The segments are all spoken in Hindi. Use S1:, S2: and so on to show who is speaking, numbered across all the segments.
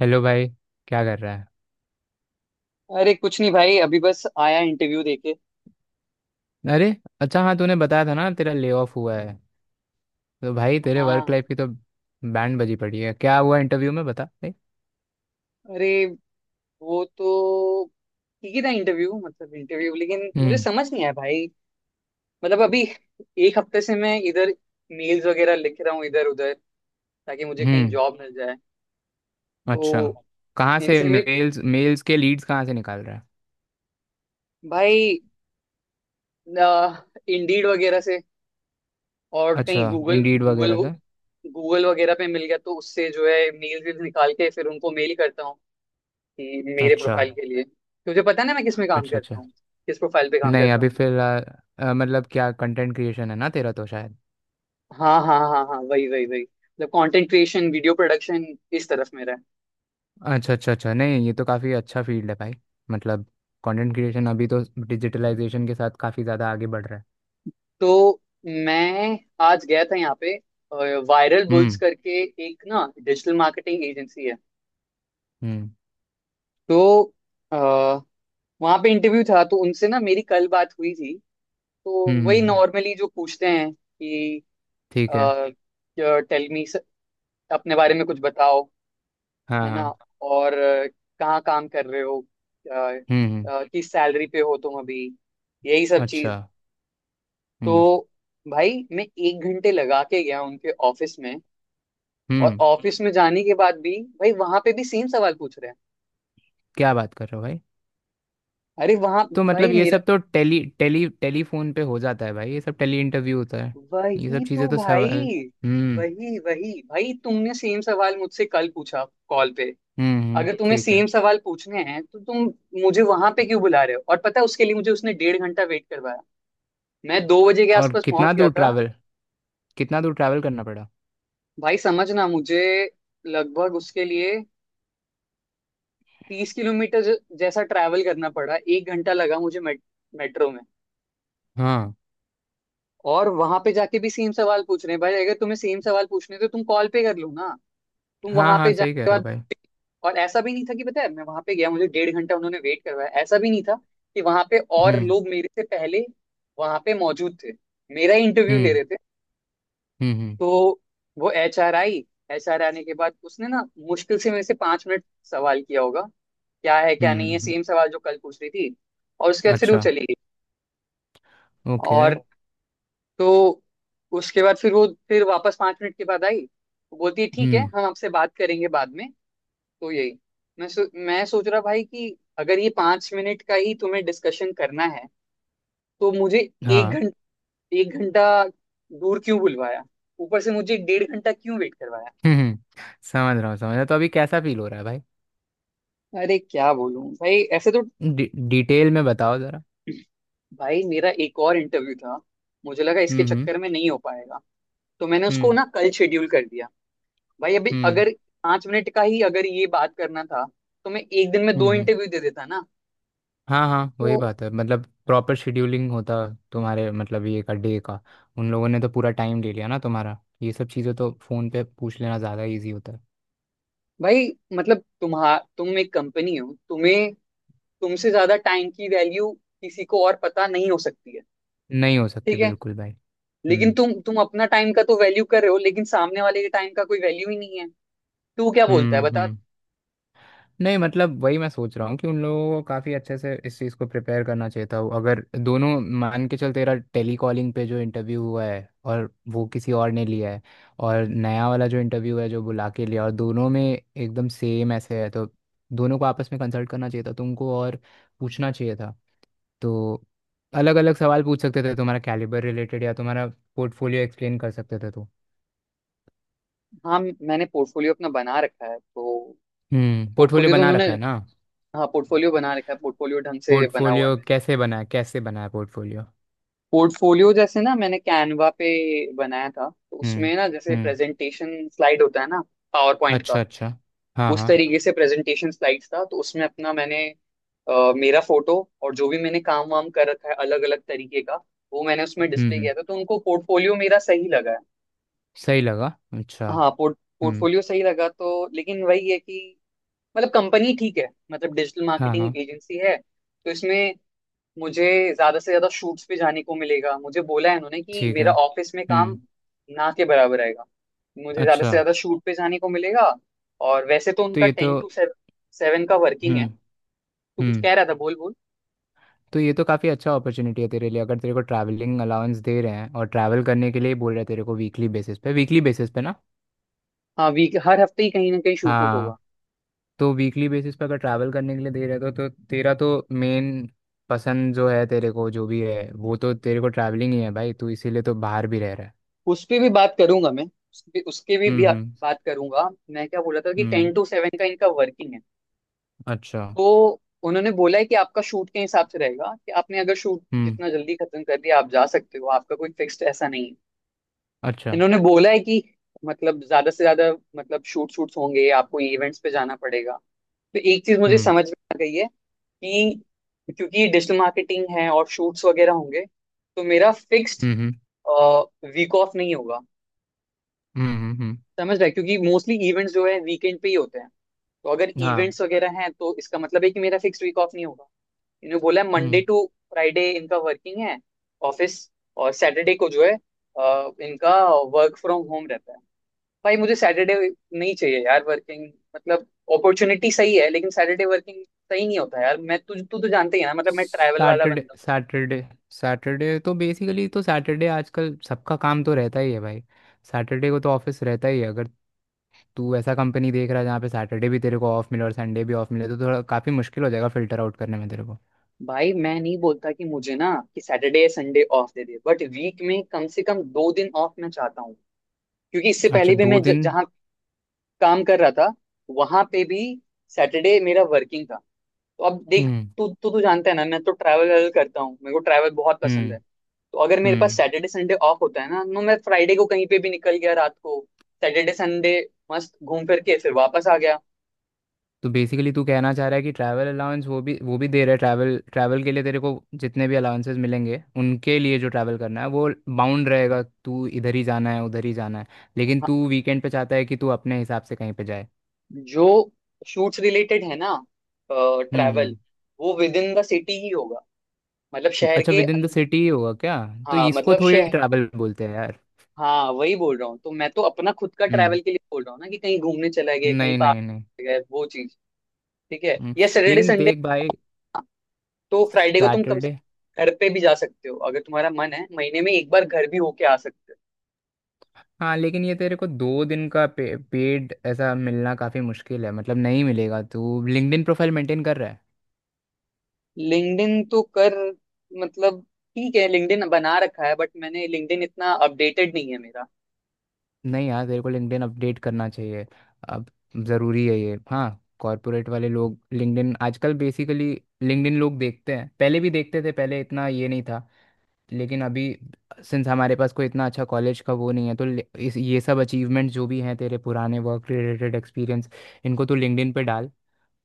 S1: हेलो भाई। क्या कर रहा
S2: अरे कुछ नहीं भाई। अभी बस आया इंटरव्यू देके।
S1: है? अरे अच्छा, हाँ तूने बताया था ना तेरा ले ऑफ हुआ है। तो भाई तेरे वर्क
S2: हाँ
S1: लाइफ की तो बैंड बजी पड़ी है। क्या हुआ इंटरव्यू में, बता भाई।
S2: अरे वो तो ठीक ही था इंटरव्यू मतलब इंटरव्यू, लेकिन मुझे
S1: हम्म।
S2: समझ नहीं आया भाई। मतलब अभी 1 हफ्ते से मैं इधर मेल्स वगैरह लिख रहा हूँ इधर उधर, ताकि मुझे कहीं
S1: हम्म।
S2: जॉब मिल जाए।
S1: अच्छा,
S2: तो
S1: कहाँ से
S2: इनसे भी
S1: मेल्स मेल्स के लीड्स कहाँ से निकाल रहा है?
S2: भाई, इंडीड वगैरह से और कहीं
S1: अच्छा,
S2: गूगल
S1: इंडीड
S2: गूगल
S1: वगैरह से।
S2: गूगल वगैरह पे मिल गया, तो उससे जो है मेल वेल निकाल के फिर उनको मेल करता हूँ कि मेरे
S1: अच्छा
S2: प्रोफाइल के लिए। तुझे पता है ना मैं किस में काम
S1: अच्छा
S2: करता
S1: अच्छा।
S2: हूँ, किस प्रोफाइल पे काम
S1: नहीं
S2: करता
S1: अभी
S2: हूँ।
S1: फिलहाल मतलब क्या, कंटेंट क्रिएशन है ना तेरा तो शायद।
S2: हाँ हाँ हाँ हाँ वही वही वही, मतलब कंटेंट क्रिएशन, वीडियो प्रोडक्शन इस तरफ मेरा है।
S1: अच्छा अच्छा अच्छा। नहीं ये तो काफ़ी अच्छा फील्ड है भाई। मतलब कंटेंट क्रिएशन अभी तो डिजिटलाइजेशन के साथ काफ़ी ज़्यादा आगे बढ़ रहा है।
S2: तो मैं आज गया था यहाँ पे वायरल बुल्स
S1: हम्म
S2: करके, एक ना डिजिटल मार्केटिंग एजेंसी है।
S1: हम्म।
S2: तो आ, वहाँ पे इंटरव्यू था, तो उनसे ना मेरी कल बात हुई थी। तो
S1: हम्म
S2: वही
S1: हम्म, हम्म,
S2: नॉर्मली जो पूछते हैं कि
S1: ठीक है।
S2: टेल मी अपने बारे में कुछ बताओ,
S1: हाँ
S2: है ना।
S1: हाँ।
S2: और कहाँ काम कर रहे हो, अ,
S1: हम्म हम्म,
S2: किस सैलरी पे हो तुम अभी, यही सब
S1: अच्छा।
S2: चीज।
S1: हम्म
S2: तो भाई मैं 1 घंटे लगा के गया उनके ऑफिस में। और
S1: हम्म।
S2: ऑफिस में जाने के बाद भी भाई वहां पे भी सेम सवाल पूछ रहे हैं।
S1: क्या बात कर रहे हो भाई!
S2: अरे वहां
S1: तो मतलब
S2: भाई
S1: ये
S2: मेरा,
S1: सब तो टेली टेली टेलीफोन पे हो जाता है भाई। ये सब टेली इंटरव्यू होता है। ये सब
S2: वही
S1: चीज़ें
S2: तो
S1: तो सवाल।
S2: भाई।
S1: हम्म
S2: वही वही भाई, तुमने सेम सवाल मुझसे कल पूछा कॉल पे। अगर तुम्हें
S1: ठीक है।
S2: सेम सवाल पूछने हैं तो तुम मुझे वहां पे क्यों बुला रहे हो। और पता है उसके लिए मुझे उसने 1.5 घंटा वेट करवाया। मैं 2 बजे के
S1: और
S2: आसपास
S1: कितना
S2: पहुंच गया
S1: दूर
S2: था।
S1: ट्रैवल कितना दूर ट्रैवल करना पड़ा?
S2: भाई समझना मुझे, लगभग उसके लिए 30 किलोमीटर जैसा ट्रैवल करना पड़ा, 1 घंटा लगा मुझे मेट्रो में।
S1: हाँ
S2: और वहां पे जाके भी सेम सवाल पूछ रहे हैं भाई। अगर तुम्हें सेम सवाल पूछने तो तुम कॉल पे कर लो ना, तुम
S1: हाँ
S2: वहां पे
S1: हाँ,
S2: जाने
S1: सही कह
S2: के
S1: रहे हो
S2: बाद।
S1: भाई।
S2: और ऐसा भी नहीं था कि पता है मैं वहां पे गया मुझे 1.5 घंटा उन्होंने वेट करवाया। ऐसा भी नहीं था कि वहां पे और
S1: हम्म
S2: लोग मेरे से पहले वहां पे मौजूद थे, मेरा इंटरव्यू ले
S1: हम्म।
S2: रहे थे।
S1: हम्म
S2: तो वो एच आर आने के बाद उसने ना मुश्किल से मेरे से 5 मिनट सवाल किया होगा। क्या है क्या
S1: हम्म।
S2: नहीं है, सेम सवाल जो कल पूछ रही थी। और उसके बाद फिर वो
S1: अच्छा।
S2: चली गई।
S1: ओके।
S2: और तो उसके बाद फिर वो फिर वापस 5 मिनट के बाद आई। वो बोलती है ठीक है
S1: हम्म।
S2: हम आपसे बात करेंगे बाद में। तो यही मैं सोच रहा भाई कि अगर ये 5 मिनट का ही तुम्हें डिस्कशन करना है तो मुझे एक
S1: हाँ।
S2: घंटा एक घंटा दूर क्यों बुलवाया। ऊपर से मुझे 1.5 घंटा क्यों वेट करवाया।
S1: हम्म हम्म, समझ रहा हूँ समझ रहा हूँ। तो अभी कैसा फील हो रहा है भाई?
S2: अरे क्या बोलूं भाई ऐसे तो।
S1: डिटेल में बताओ ज़रा।
S2: भाई मेरा एक और इंटरव्यू था, मुझे लगा इसके
S1: हम्म हम्म।
S2: चक्कर में नहीं हो पाएगा तो मैंने उसको
S1: हम्म
S2: ना कल शेड्यूल कर दिया। भाई अभी
S1: हम्म।
S2: अगर 5 मिनट का ही अगर ये बात करना था तो मैं एक दिन में
S1: हम्म
S2: दो
S1: हम्म।
S2: इंटरव्यू दे देता ना।
S1: हाँ हाँ, वही
S2: तो
S1: बात है। मतलब प्रॉपर शेड्यूलिंग होता तुम्हारे, मतलब ये का डे का। उन लोगों ने तो पूरा टाइम ले लिया ना तुम्हारा। ये सब चीज़ें तो फ़ोन पे पूछ लेना ज़्यादा इजी होता है।
S2: भाई मतलब तुम्हारा, तुम एक कंपनी हो तुम्हें, तुमसे ज्यादा टाइम की वैल्यू किसी को और पता नहीं हो सकती है।
S1: नहीं हो सकती
S2: ठीक है,
S1: बिल्कुल भाई।
S2: लेकिन
S1: हम्म।
S2: तुम अपना टाइम का तो वैल्यू कर रहे हो, लेकिन सामने वाले के टाइम का कोई वैल्यू ही नहीं है। तो वो क्या बोलता है बता।
S1: हम्म। नहीं मतलब वही मैं सोच रहा हूँ कि उन लोगों को काफ़ी अच्छे से इस चीज़ को प्रिपेयर करना चाहिए था। अगर दोनों मान के चल, तेरा टेली कॉलिंग पे जो इंटरव्यू हुआ है और वो किसी और ने लिया है, और नया वाला जो इंटरव्यू है जो बुला के लिया, और दोनों में एकदम सेम ऐसे है, तो दोनों को आपस में कंसल्ट करना चाहिए था तुमको, और पूछना चाहिए था तो अलग अलग सवाल पूछ सकते थे। तुम्हारा कैलिबर रिलेटेड, या तुम्हारा पोर्टफोलियो एक्सप्लेन कर सकते थे तो।
S2: हाँ मैंने पोर्टफोलियो अपना बना रखा है तो।
S1: हम्म, पोर्टफोलियो
S2: पोर्टफोलियो तो
S1: बना
S2: उन्होंने,
S1: रखा है ना?
S2: हाँ पोर्टफोलियो बना रखा है, पोर्टफोलियो ढंग से बना हुआ है
S1: पोर्टफोलियो
S2: मेरा।
S1: कैसे बना है? कैसे बना है पोर्टफोलियो?
S2: पोर्टफोलियो जैसे ना मैंने कैनवा पे बनाया था, तो
S1: हम्म
S2: उसमें ना जैसे
S1: हम्म।
S2: प्रेजेंटेशन स्लाइड होता है ना, पावर पॉइंट का।
S1: अच्छा अच्छा। हाँ
S2: उस
S1: हाँ।
S2: तरीके से प्रेजेंटेशन स्लाइड्स था तो उसमें अपना मैंने मेरा फोटो और जो भी मैंने काम वाम कर रखा है अलग अलग तरीके का, वो मैंने उसमें डिस्प्ले
S1: हम्म,
S2: किया था। तो उनको पोर्टफोलियो मेरा सही लगा है।
S1: सही लगा? अच्छा।
S2: हाँ
S1: हम्म।
S2: पोर्टफोलियो सही लगा तो, लेकिन वही है कि मतलब कंपनी ठीक है, मतलब डिजिटल
S1: हाँ हाँ।
S2: मार्केटिंग एजेंसी है, तो इसमें मुझे ज्यादा से ज्यादा शूट्स पे जाने को मिलेगा। मुझे बोला है उन्होंने कि
S1: ठीक
S2: मेरा
S1: है।
S2: ऑफिस में
S1: हम्म।
S2: काम ना के बराबर आएगा, मुझे ज्यादा से
S1: अच्छा।
S2: ज्यादा शूट पे जाने को मिलेगा। और वैसे तो
S1: तो
S2: उनका
S1: ये तो।
S2: 10 टू 7 का वर्किंग
S1: हम्म
S2: है। तू कुछ
S1: हम्म।
S2: कह रहा था, बोल बोल।
S1: तो ये तो काफ़ी अच्छा अपॉर्चुनिटी है तेरे लिए। अगर तेरे को ट्रैवलिंग अलाउंस दे रहे हैं और ट्रैवल करने के लिए बोल रहे हैं तेरे को, वीकली बेसिस पे, वीकली बेसिस पे ना।
S2: हाँ, वीक, हर हफ्ते ही कहीं ना कहीं शूट उट होगा।
S1: हाँ। तो वीकली बेसिस पे अगर ट्रैवल करने के लिए दे रहे हैं तो तेरा तो मेन पसंद जो है, तेरे को जो भी है, वो तो तेरे को ट्रैवलिंग ही है भाई। तू इसीलिए तो बाहर भी रह रहा है।
S2: उस पे भी बात करूंगा मैं, उसके उसके भी
S1: हम्म।
S2: बात करूंगा मैं। क्या बोला था कि
S1: हम्म,
S2: 10 टू 7 का इनका वर्किंग है।
S1: अच्छा।
S2: तो उन्होंने बोला है कि आपका शूट के हिसाब से रहेगा कि आपने अगर शूट
S1: हम्म,
S2: जितना जल्दी खत्म कर दिया आप जा सकते हो, आपका कोई फिक्स्ड ऐसा नहीं है।
S1: अच्छा।
S2: इन्होंने बोला है कि मतलब ज्यादा से ज्यादा मतलब शूट शूट्स होंगे, आपको इवेंट्स पे जाना पड़ेगा। तो एक चीज मुझे
S1: हम्म
S2: समझ में आ गई है कि क्योंकि ये डिजिटल मार्केटिंग है और शूट्स वगैरह होंगे, तो मेरा फिक्स्ड
S1: हम्म।
S2: वीक ऑफ नहीं होगा।
S1: हम्म। हम्म।
S2: समझ रहे हैं? क्योंकि मोस्टली इवेंट्स जो है वीकेंड पे ही होते हैं। तो अगर
S1: हाँ।
S2: इवेंट्स वगैरह हैं तो इसका मतलब है कि मेरा फिक्स्ड वीक ऑफ नहीं होगा। इन्होंने बोला है मंडे
S1: हम्म।
S2: टू फ्राइडे इनका वर्किंग है, ऑफिस। और सैटरडे को जो है इनका वर्क फ्रॉम होम रहता है। भाई मुझे सैटरडे नहीं चाहिए यार वर्किंग, मतलब अपॉर्चुनिटी सही है लेकिन सैटरडे वर्किंग सही नहीं होता यार। मैं तुझ तू तो जानते ही है ना, मतलब मैं ट्रैवल वाला
S1: सैटरडे
S2: बंदा
S1: सैटरडे। सैटरडे तो बेसिकली, तो सैटरडे आजकल सबका काम तो रहता ही है भाई। सैटरडे को तो ऑफिस रहता ही है। अगर तू ऐसा कंपनी देख रहा है जहाँ पे सैटरडे भी तेरे को ऑफ मिले और संडे भी ऑफ मिले, तो थोड़ा काफ़ी मुश्किल हो जाएगा फिल्टर आउट करने में तेरे को।
S2: हूँ। भाई मैं नहीं बोलता कि मुझे ना कि सैटरडे या संडे ऑफ दे दे, बट वीक में कम से कम 2 दिन ऑफ मैं चाहता हूँ। क्योंकि इससे
S1: अच्छा,
S2: पहले भी
S1: दो
S2: मैं
S1: दिन।
S2: जहाँ काम कर रहा था वहां पे भी सैटरडे मेरा वर्किंग था। तो अब देख,
S1: हम्म
S2: तू तू तू जानता है ना मैं तो ट्रैवल करता हूँ, मेरे को ट्रैवल बहुत पसंद है।
S1: हम्म।
S2: तो अगर मेरे पास
S1: हम्म।
S2: सैटरडे संडे ऑफ होता है ना, तो मैं फ्राइडे को कहीं पे भी निकल गया रात को, सैटरडे संडे मस्त घूम फिर के फिर वापस आ गया।
S1: तो बेसिकली तू कहना चाह रहा है कि ट्रैवल अलाउंस वो भी, वो भी दे रहा है, ट्रैवल, ट्रैवल के लिए तेरे को। जितने भी अलाउंसेस मिलेंगे उनके लिए जो ट्रैवल करना है वो बाउंड रहेगा, तू इधर ही जाना है उधर ही जाना है। लेकिन
S2: हाँ,
S1: तू वीकेंड पे चाहता है कि तू अपने हिसाब से कहीं पे जाए।
S2: जो शूट्स रिलेटेड है ना ट्रैवल,
S1: हम्म।
S2: वो विद इन द सिटी ही होगा, मतलब शहर
S1: अच्छा,
S2: के
S1: विद इन द
S2: अंदर।
S1: सिटी ही होगा क्या? तो
S2: हाँ
S1: इसको
S2: मतलब
S1: थोड़ी
S2: शहर।
S1: ट्रैवल बोलते हैं यार।
S2: हाँ वही बोल रहा हूँ तो, मैं तो अपना खुद का
S1: हम्म।
S2: ट्रैवल के लिए बोल रहा हूँ ना कि कहीं घूमने चला गया, कहीं
S1: नहीं
S2: पार्क
S1: नहीं नहीं।
S2: गए वो चीज, ठीक है,
S1: हम्म,
S2: या सैटरडे
S1: लेकिन
S2: संडे।
S1: देख भाई,
S2: तो फ्राइडे को तुम कम से
S1: सैटरडे,
S2: कम घर पे भी जा सकते हो, अगर तुम्हारा मन है महीने में एक बार घर भी होके आ सकते
S1: हाँ लेकिन ये तेरे को दो दिन का पेड ऐसा मिलना काफ़ी मुश्किल है। मतलब नहीं मिलेगा। तू लिंक्डइन प्रोफाइल मेंटेन कर रहा है?
S2: हो। लिंक्डइन तो कर मतलब, ठीक है लिंक्डइन बना रखा है बट मैंने लिंक्डइन इतना अपडेटेड नहीं है मेरा।
S1: नहीं यार, तेरे को लिंक्डइन अपडेट करना चाहिए अब। ज़रूरी है ये, हाँ। कॉर्पोरेट वाले लोग लिंक्डइन आजकल बेसिकली, लिंक्डइन लोग देखते हैं। पहले भी देखते थे, पहले इतना ये नहीं था, लेकिन अभी, सिंस हमारे पास कोई इतना अच्छा कॉलेज का वो नहीं है, तो ले- इस ये सब अचीवमेंट जो भी हैं तेरे पुराने वर्क रिलेटेड एक्सपीरियंस, इनको तो लिंक्डइन पे डाल।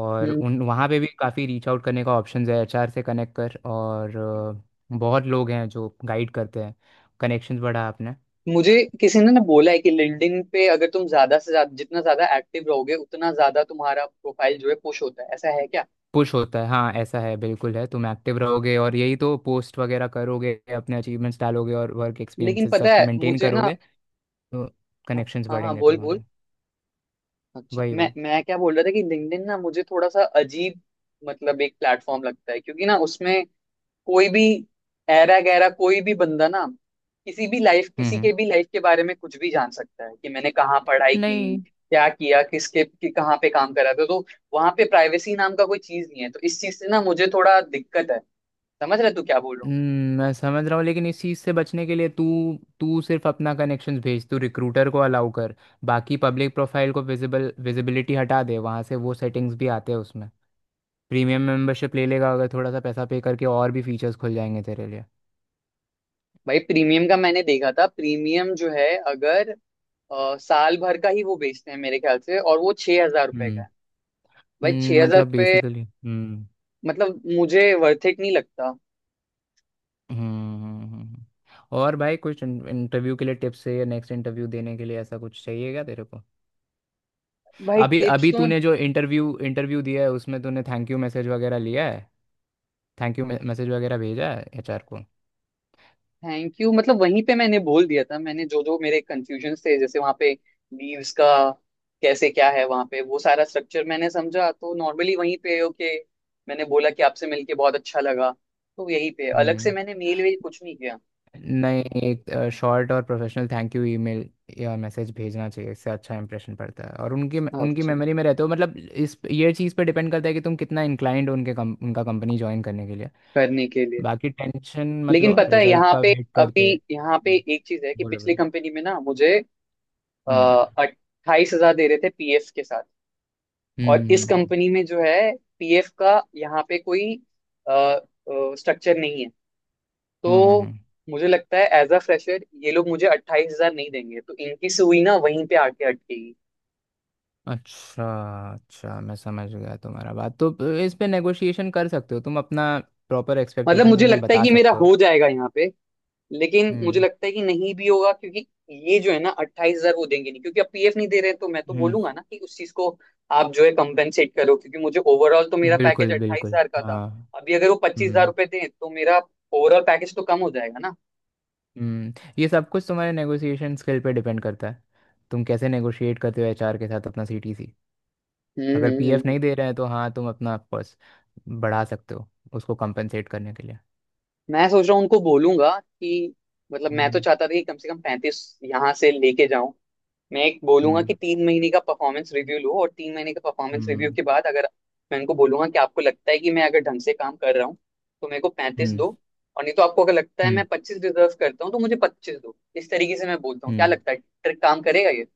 S1: और
S2: हम्म।
S1: उन वहाँ पे भी काफ़ी रीच आउट करने का ऑप्शन है। एचआर से कनेक्ट कर, और बहुत लोग हैं जो गाइड करते हैं। कनेक्शंस बढ़ा अपने।
S2: मुझे किसी ने ना बोला है कि लिंक्डइन पे अगर तुम ज्यादा से ज्यादा जितना ज्यादा एक्टिव रहोगे उतना ज्यादा तुम्हारा प्रोफाइल जो है पुश होता है, ऐसा है क्या।
S1: पुश होता है, हाँ। ऐसा है, बिल्कुल है। तुम एक्टिव रहोगे और यही तो पोस्ट वगैरह करोगे, अपने अचीवमेंट्स डालोगे और वर्क
S2: लेकिन
S1: एक्सपीरियंसेस
S2: पता
S1: सब
S2: है
S1: मेंटेन
S2: मुझे ना।
S1: करोगे, तो
S2: हाँ
S1: कनेक्शंस
S2: हाँ हाँ,
S1: बढ़ेंगे
S2: बोल बोल।
S1: तुम्हारे।
S2: अच्छा
S1: वही
S2: मैं
S1: वही।
S2: मैं क्या बोल रहा था कि लिंक्डइन ना मुझे थोड़ा सा अजीब मतलब एक प्लेटफॉर्म लगता है, क्योंकि ना उसमें कोई भी ऐरा गैरा कोई भी बंदा ना किसी
S1: हम्म।
S2: के भी लाइफ के बारे में कुछ भी जान सकता है कि मैंने कहाँ पढ़ाई की,
S1: नहीं।
S2: क्या किया, किसके कि कहाँ पे काम करा था। तो वहां पे प्राइवेसी नाम का कोई चीज नहीं है, तो इस चीज से ना मुझे थोड़ा दिक्कत है। समझ रहे तू क्या बोल रहा हूँ मैं।
S1: मैं समझ रहा हूँ, लेकिन इस चीज़ से बचने के लिए तू तू सिर्फ अपना कनेक्शंस भेज, तू रिक्रूटर को अलाउ कर। बाकी पब्लिक प्रोफाइल को विजिबल, विजिबिलिटी हटा दे वहाँ से। वो सेटिंग्स भी आते हैं उसमें। प्रीमियम मेंबरशिप ले लेगा अगर, थोड़ा सा पैसा पे करके और भी फीचर्स खुल जाएंगे तेरे लिए।
S2: भाई प्रीमियम का मैंने देखा था, प्रीमियम जो है अगर साल भर का ही वो बेचते हैं मेरे ख्याल से, और वो 6,000 रुपए
S1: हम्म
S2: का है। भाई छह हजार
S1: मतलब
S2: रुपये
S1: बेसिकली।
S2: मतलब मुझे वर्थ इट नहीं लगता।
S1: हम्म हम्म, हम्म। हम्म, हम्म। और भाई कुछ इंटरव्यू के लिए टिप्स है, या नेक्स्ट इंटरव्यू देने के लिए ऐसा कुछ चाहिए क्या तेरे को?
S2: भाई
S1: अभी
S2: टिप्स
S1: अभी
S2: तो।
S1: तूने जो इंटरव्यू, इंटरव्यू दिया है उसमें तूने थैंक यू मैसेज वगैरह लिया है? थैंक यू मैसेज वगैरह भेजा है एचआर को?
S2: थैंक यू मतलब वहीं पे मैंने बोल दिया था, मैंने जो जो मेरे कंफ्यूजन थे जैसे वहां पे लीव्स का कैसे क्या है, वहां पे वो सारा स्ट्रक्चर मैंने समझा। तो नॉर्मली वहीं पे ओके मैंने बोला कि आपसे मिलके बहुत अच्छा लगा। तो यहीं पे अलग से
S1: हम्म।
S2: मैंने मेल वेल कुछ नहीं किया।
S1: नहीं, एक शॉर्ट और प्रोफेशनल थैंक यू ईमेल या मैसेज भेजना चाहिए। इससे अच्छा इंप्रेशन पड़ता है और उनकी उनकी
S2: अच्छा,
S1: मेमोरी में रहते हो। मतलब इस, ये चीज़ पे डिपेंड करता है कि तुम कितना इंक्लाइंड हो उनका कंपनी ज्वाइन करने के लिए।
S2: करने के लिए।
S1: बाकी टेंशन,
S2: लेकिन
S1: मतलब
S2: पता है
S1: रिजल्ट
S2: यहाँ
S1: का
S2: पे,
S1: वेट करते
S2: अभी यहाँ पे
S1: हैं।
S2: एक चीज है कि
S1: बोलो
S2: पिछली
S1: बोलो।
S2: कंपनी में ना मुझे
S1: हम्म
S2: 28,000 दे रहे थे पीएफ के साथ।
S1: हम्म।
S2: और इस कंपनी में जो है पीएफ का यहाँ पे कोई स्ट्रक्चर नहीं है।
S1: हम्म,
S2: तो
S1: हम्म, हम्म।
S2: मुझे लगता है एज अ फ्रेशर ये लोग मुझे 28,000 नहीं देंगे, तो इनकी सुई ना वहीं पे आके अटकेगी।
S1: अच्छा, अच्छा मैं समझ गया तुम्हारा बात तो। इस पे नेगोशिएशन कर सकते हो तुम, अपना प्रॉपर
S2: मतलब
S1: एक्सपेक्टेशंस
S2: मुझे
S1: उन्हें
S2: लगता है
S1: बता
S2: कि मेरा
S1: सकते हो।
S2: हो जाएगा यहाँ पे, लेकिन मुझे
S1: हम्म
S2: लगता है कि नहीं भी होगा। क्योंकि ये जो है ना 28,000 वो देंगे नहीं, क्योंकि अब पीएफ नहीं दे रहे, तो मैं तो
S1: हम्म।
S2: बोलूंगा ना कि उस चीज को आप जो है कंपेंसेट करो, क्योंकि मुझे ओवरऑल तो मेरा पैकेज
S1: बिल्कुल
S2: अट्ठाईस
S1: बिल्कुल।
S2: हजार का था।
S1: हाँ।
S2: अभी अगर वो पच्चीस हजार
S1: हम्म
S2: रुपए दें तो मेरा ओवरऑल पैकेज तो कम हो जाएगा ना।
S1: हम्म। ये सब कुछ तुम्हारे नेगोशिएशन स्किल पे डिपेंड करता है, तुम कैसे नेगोशिएट करते हो एचआर के साथ अपना सीटीसी।
S2: हम्म
S1: अगर
S2: हम्म,
S1: पीएफ
S2: हम्म।
S1: नहीं दे रहे हैं तो हाँ, तुम अपना पर्स बढ़ा सकते हो, उसको कंपनसेट करने के लिए।
S2: मैं सोच रहा हूँ उनको बोलूंगा कि, मतलब मैं तो
S1: हम्म
S2: चाहता था कि कम से कम पैंतीस यहाँ से लेके जाऊं। मैं एक बोलूंगा
S1: हम्म।
S2: कि 3 महीने का परफॉर्मेंस रिव्यू लो, और 3 महीने का परफॉर्मेंस रिव्यू
S1: हम्म
S2: के बाद अगर, मैं उनको बोलूंगा कि आपको लगता है कि मैं अगर ढंग से काम कर रहा हूँ तो मेरे को पैंतीस
S1: हम्म।
S2: दो। और नहीं तो आपको अगर लगता है
S1: हम्म
S2: मैं पच्चीस डिजर्व करता हूँ तो मुझे पच्चीस दो, इस तरीके से मैं बोलता हूँ। क्या
S1: हम्म।
S2: लगता है, ट्रिक काम करेगा ये?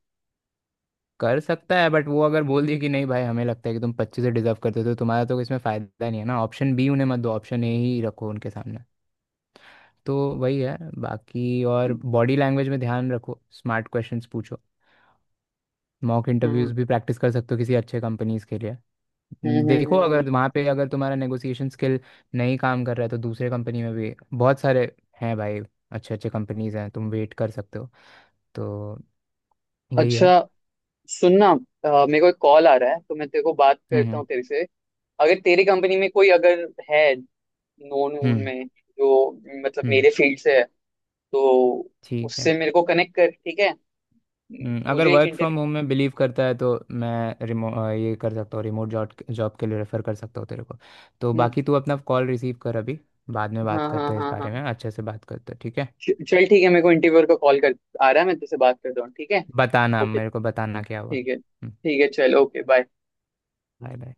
S1: कर सकता है, बट वो अगर बोल दिए कि नहीं भाई, हमें लगता है कि तुम पच्चीस से डिजर्व करते हो, तो तुम्हारा तो इसमें फ़ायदा नहीं है ना। ऑप्शन बी उन्हें मत दो, ऑप्शन ए ही रखो उनके सामने। तो वही है बाकी। और बॉडी लैंग्वेज में ध्यान रखो, स्मार्ट क्वेश्चंस पूछो। मॉक इंटरव्यूज
S2: हम्म
S1: भी प्रैक्टिस कर सकते हो किसी अच्छे कंपनीज के लिए।
S2: हम्म हम्म
S1: देखो,
S2: हम्म, हम्म।
S1: अगर वहाँ पे अगर तुम्हारा नेगोशिएशन स्किल नहीं काम कर रहा है, तो दूसरे कंपनी में भी बहुत सारे हैं भाई, अच्छे अच्छे कंपनीज हैं, तुम वेट कर सकते हो। तो वही
S2: अच्छा
S1: है।
S2: सुनना, मेरे को एक कॉल आ रहा है तो मैं तेरे को बात
S1: हम्म।
S2: करता हूँ तेरे से। अगर तेरी कंपनी में कोई अगर है, नोन वोन
S1: हम्म
S2: में, जो मतलब
S1: हम्म,
S2: मेरे फील्ड से है, तो
S1: ठीक है।
S2: उससे मेरे को कनेक्ट कर, ठीक है।
S1: अगर
S2: मुझे एक
S1: वर्क फ्रॉम
S2: इंटरव्यू।
S1: होम में बिलीव करता है, तो मैं ये कर सकता हूँ, रिमोट जॉब जॉब के लिए रेफर कर सकता हूँ तेरे को। तो बाकी तू अपना कॉल रिसीव कर अभी, बाद में बात
S2: हाँ हाँ
S1: करते हैं इस
S2: हाँ हाँ,
S1: बारे में। अच्छे से बात करते हैं, ठीक है।
S2: चल ठीक है, मेरे को इंटरव्यूअर का कॉल कर आ रहा है, मैं तुझसे बात करता हूँ ठीक है।
S1: बताना
S2: ओके
S1: मेरे को, बताना क्या हुआ।
S2: ठीक है ठीक है, चल ओके बाय।
S1: Bye bye.